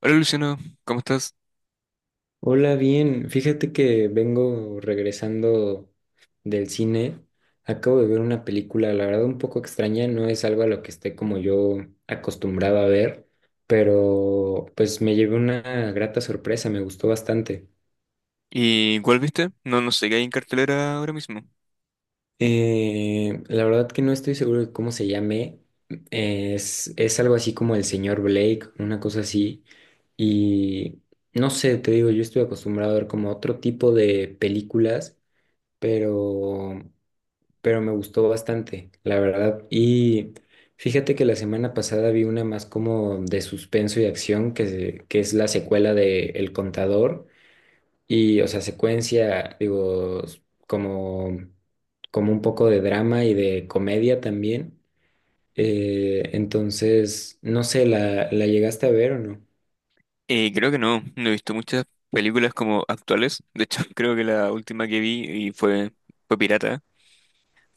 Hola Luciano, ¿cómo estás? Hola, bien. Fíjate que vengo regresando del cine. Acabo de ver una película, la verdad, un poco extraña. No es algo a lo que esté como yo acostumbrado a ver, pero pues me llevé una grata sorpresa, me gustó bastante. ¿Y cuál viste? No, sé qué hay en cartelera ahora mismo. La verdad que no estoy seguro de cómo se llame. Es algo así como El Señor Blake, una cosa así. Y no sé, te digo, yo estoy acostumbrado a ver como otro tipo de películas, pero... pero me gustó bastante, la verdad. Y fíjate que la semana pasada vi una más como de suspenso y acción, que es la secuela de El Contador. Y, o sea, secuencia, digo, como, como un poco de drama y de comedia también. Entonces, no sé, ¿la llegaste a ver o no? Creo que no, no he visto muchas películas como actuales. De hecho, creo que la última que vi y fue, fue pirata,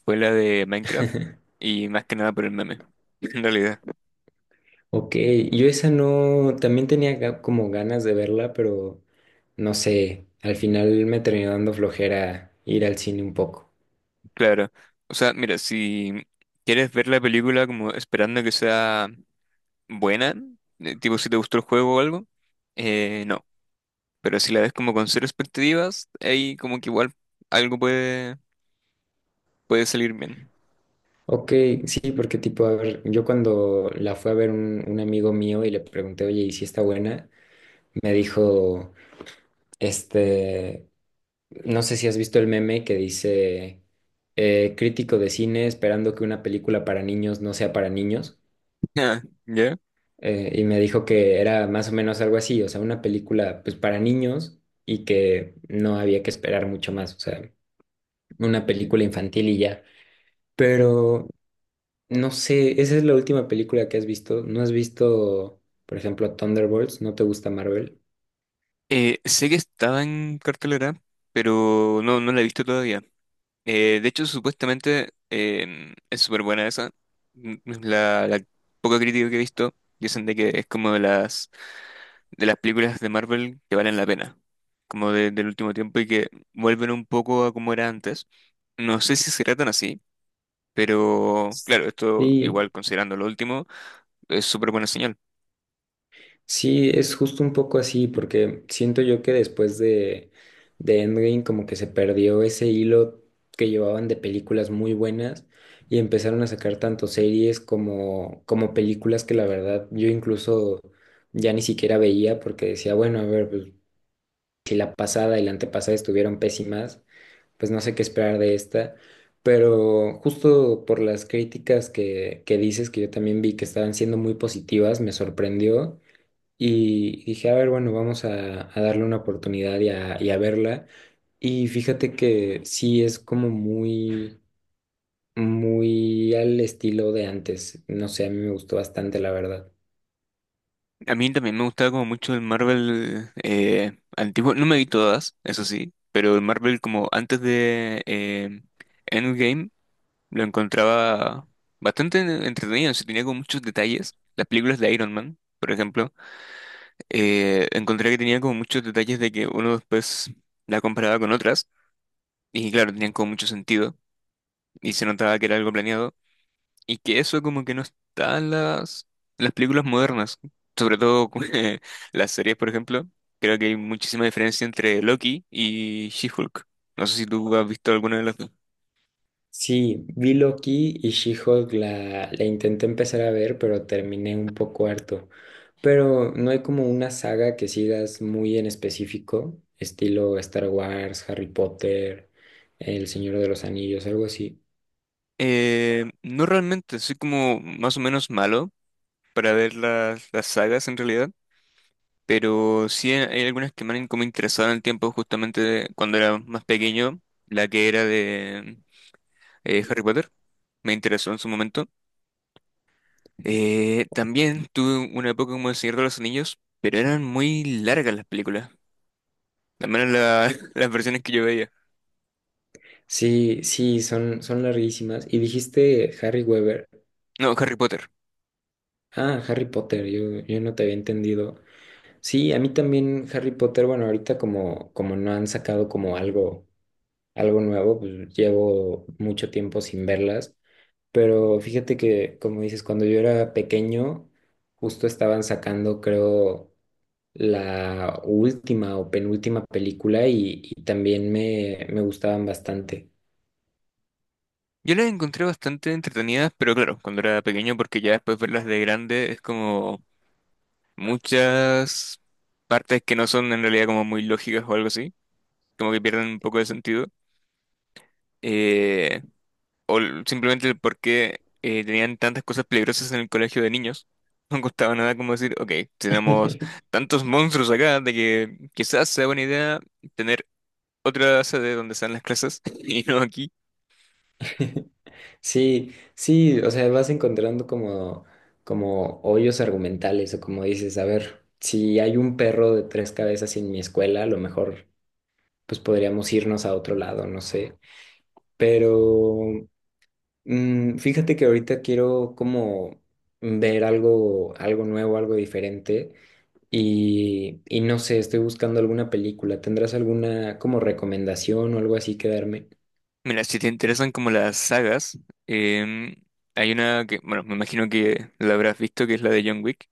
fue la de Minecraft. Y más que nada por el meme, en realidad. Ok, yo esa no, también tenía como ganas de verla, pero no sé, al final me terminó dando flojera ir al cine un poco. Claro. O sea, mira, si quieres ver la película como esperando que sea buena, tipo si te gustó el juego o algo, no. Pero si la ves como con cero expectativas, ahí como que igual algo puede, puede salir bien. Ok, sí, porque tipo, a ver, yo cuando la fui a ver un amigo mío y le pregunté, oye, ¿y si está buena? Me dijo, este, no sé si has visto el meme que dice, crítico de cine esperando que una película para niños no sea para niños. Ah, ¿ya? Y me dijo que era más o menos algo así, o sea, una película pues para niños y que no había que esperar mucho más, o sea, una película infantil y ya. Pero no sé, esa es la última película que has visto. ¿No has visto, por ejemplo, Thunderbolts? ¿No te gusta Marvel? Sé que estaba en cartelera, pero no, no la he visto todavía. De hecho, supuestamente es súper buena esa. Mm, la poca crítica que he visto dicen de que es como de las películas de Marvel que valen la pena, como del último tiempo y que vuelven un poco a como era antes. No sé si será tan así, pero claro, esto Sí, igual considerando lo último, es súper buena señal. sí, es justo un poco así, porque siento yo que después de Endgame como que se perdió ese hilo que llevaban de películas muy buenas y empezaron a sacar tanto series como, como películas que la verdad yo incluso ya ni siquiera veía porque decía, bueno, a ver, pues, si la pasada y la antepasada estuvieron pésimas, pues no sé qué esperar de esta, pero justo por las críticas que dices, que yo también vi que estaban siendo muy positivas, me sorprendió y dije, a ver, bueno, vamos a darle una oportunidad y a verla. Y fíjate que sí es como muy, muy al estilo de antes. No sé, a mí me gustó bastante, la verdad. A mí también me gustaba como mucho el Marvel antiguo. No me vi todas, eso sí, pero el Marvel como antes de Endgame lo encontraba bastante entretenido. Se tenía como muchos detalles. Las películas de Iron Man, por ejemplo, encontré que tenía como muchos detalles de que uno después la comparaba con otras. Y claro, tenían como mucho sentido. Y se notaba que era algo planeado. Y que eso como que no está en las películas modernas, sobre todo las series, por ejemplo. Creo que hay muchísima diferencia entre Loki y She-Hulk. No sé si tú has visto alguna de las dos. Sí, vi Loki y She-Hulk la intenté empezar a ver, pero terminé un poco harto. Pero no hay como una saga que sigas muy en específico, estilo Star Wars, Harry Potter, El Señor de los Anillos, algo así. No realmente, soy como más o menos malo para ver las sagas en realidad, pero sí hay algunas que me han como interesado en el tiempo justamente cuando era más pequeño, la que era de Harry Potter, me interesó en su momento. También tuve una época como El Señor de los Anillos, pero eran muy largas las películas, al menos las versiones que yo veía. Sí, sí, son, son larguísimas. Y dijiste Harry Weber. No, Harry Potter. Ah, Harry Potter, yo no te había entendido. Sí, a mí también Harry Potter, bueno, ahorita como, como no han sacado como algo, algo nuevo, pues llevo mucho tiempo sin verlas. Pero fíjate que, como dices, cuando yo era pequeño, justo estaban sacando, creo, la última o penúltima película y también me gustaban bastante. Yo las encontré bastante entretenidas, pero claro, cuando era pequeño, porque ya después verlas de grande es como muchas partes que no son en realidad como muy lógicas o algo así, como que pierden un poco de sentido. Eh, Simplemente el por qué tenían tantas cosas peligrosas en el colegio de niños. No costaba nada como decir, ok, tenemos tantos monstruos acá de que quizás sea buena idea tener otra sede donde sean las clases y no aquí. Sí, sí, o sea, vas encontrando como, como hoyos argumentales o como dices, a ver, si hay un perro de tres cabezas en mi escuela, a lo mejor pues podríamos irnos a otro lado, no sé. Pero mm, fíjate que ahorita quiero como ver algo, algo nuevo, algo diferente y no sé, estoy buscando alguna película. ¿Tendrás alguna como recomendación o algo así que darme? Mira, si te interesan como las sagas, em, hay una que, bueno, me imagino que la habrás visto, que es la de John Wick.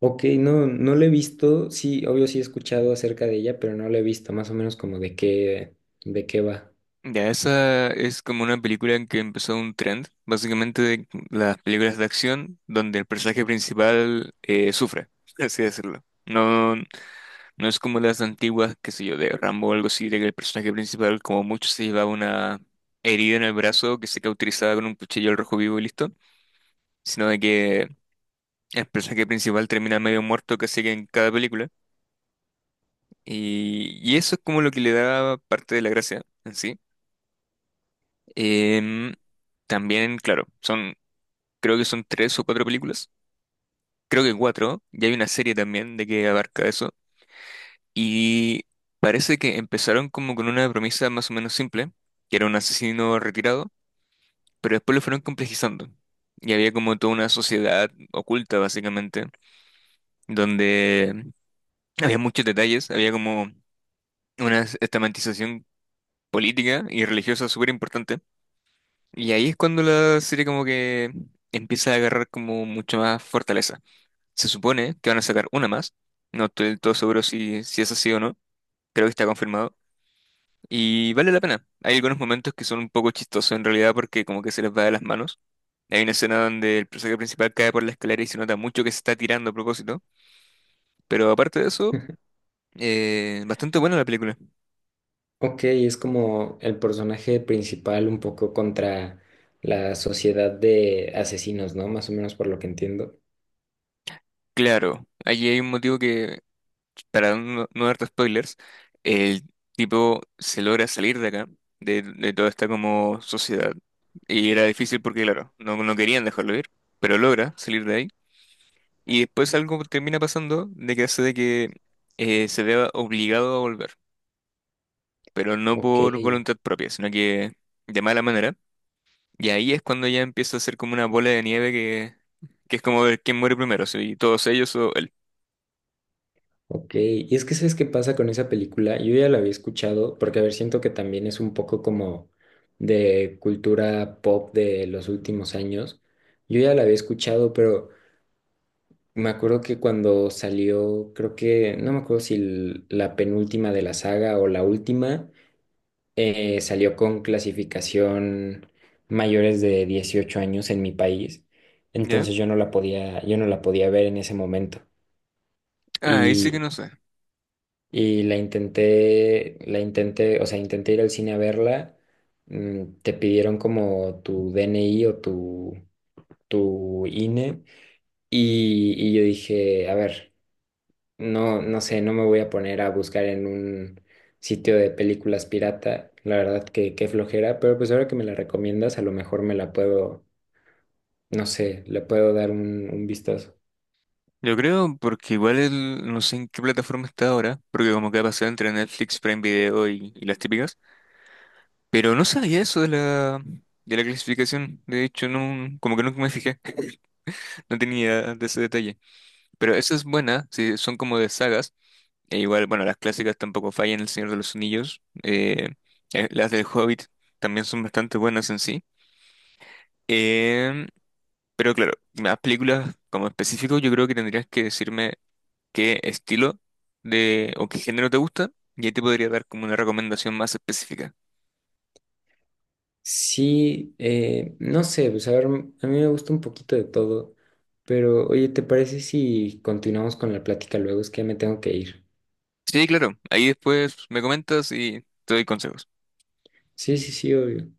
Ok, no, no la he visto. Sí, obvio sí he escuchado acerca de ella, pero no la he visto. Más o menos como de qué va. Ya, esa es como una película en que empezó un trend, básicamente de las películas de acción donde el personaje principal sufre, por así decirlo. No, no es como las antiguas, qué sé yo, de Rambo o algo así, de que el personaje principal como mucho se llevaba una herida en el brazo que se cauterizaba con un cuchillo al rojo vivo y listo, sino de que el personaje principal termina medio muerto casi que en cada película y eso es como lo que le da parte de la gracia en sí. Em, También, claro, son creo que son tres o cuatro películas, creo que cuatro, y hay una serie también de que abarca eso, y parece que empezaron como con una promesa más o menos simple, que era un asesino retirado, pero después lo fueron complejizando, y había como toda una sociedad oculta básicamente, donde había muchos detalles, había como una estamentización política y religiosa súper importante, y ahí es cuando la serie como que empieza a agarrar como mucho más fortaleza. Se supone que van a sacar una más. No estoy del todo seguro si es así o no. Creo que está confirmado. Y vale la pena. Hay algunos momentos que son un poco chistosos en realidad porque como que se les va de las manos. Hay una escena donde el personaje principal cae por la escalera y se nota mucho que se está tirando a propósito. Pero aparte de eso, bastante buena la película. Ok, es como el personaje principal un poco contra la sociedad de asesinos, ¿no? Más o menos por lo que entiendo. Claro, allí hay un motivo que para no darte spoilers, el tipo se logra salir de acá, de toda esta como sociedad. Y era difícil porque, claro, no querían dejarlo ir, pero logra salir de ahí. Y después algo termina pasando de que hace de que se vea obligado a volver, pero no Ok. por voluntad propia, sino que de mala manera. Y ahí es cuando ya empieza a ser como una bola de nieve que es como ver quién muere primero, si todos ellos o él. Ok, y es que ¿sabes qué pasa con esa película? Yo ya la había escuchado porque, a ver, siento que también es un poco como de cultura pop de los últimos años. Yo ya la había escuchado, pero me acuerdo que cuando salió, creo que, no me acuerdo si la penúltima de la saga o la última, salió con clasificación mayores de 18 años en mi país. ¿Ya? Entonces yo no la podía, yo no la podía ver en ese momento. Ah, ahí sí y que no sé. Y la intenté, o sea, intenté ir al cine a verla. Te pidieron como tu DNI o tu INE. Y yo dije, a ver, no, no sé, no me voy a poner a buscar en un sitio de películas pirata. La verdad que qué flojera, pero pues ahora que me la recomiendas, a lo mejor me la puedo, no sé, le puedo dar un vistazo. Yo creo, porque igual no sé en qué plataforma está ahora, porque como que ha pasado entre Netflix, Prime Video y las típicas, pero no sabía eso de de la clasificación, de hecho, no, como que nunca me fijé, no tenía de ese detalle, pero esa es buena, sí, son como de sagas, e igual, bueno, las clásicas tampoco fallan, El Señor de los Anillos, las del Hobbit también son bastante buenas en sí, em, pero claro, las películas como específico yo creo que tendrías que decirme qué estilo de o qué género te gusta y ahí te podría dar como una recomendación más específica. Sí, no sé, pues a ver, a mí me gusta un poquito de todo, pero oye, ¿te parece si continuamos con la plática luego? Es que ya me tengo que ir. Sí, claro, ahí después me comentas y te doy consejos. Sí, sí, sí, obvio.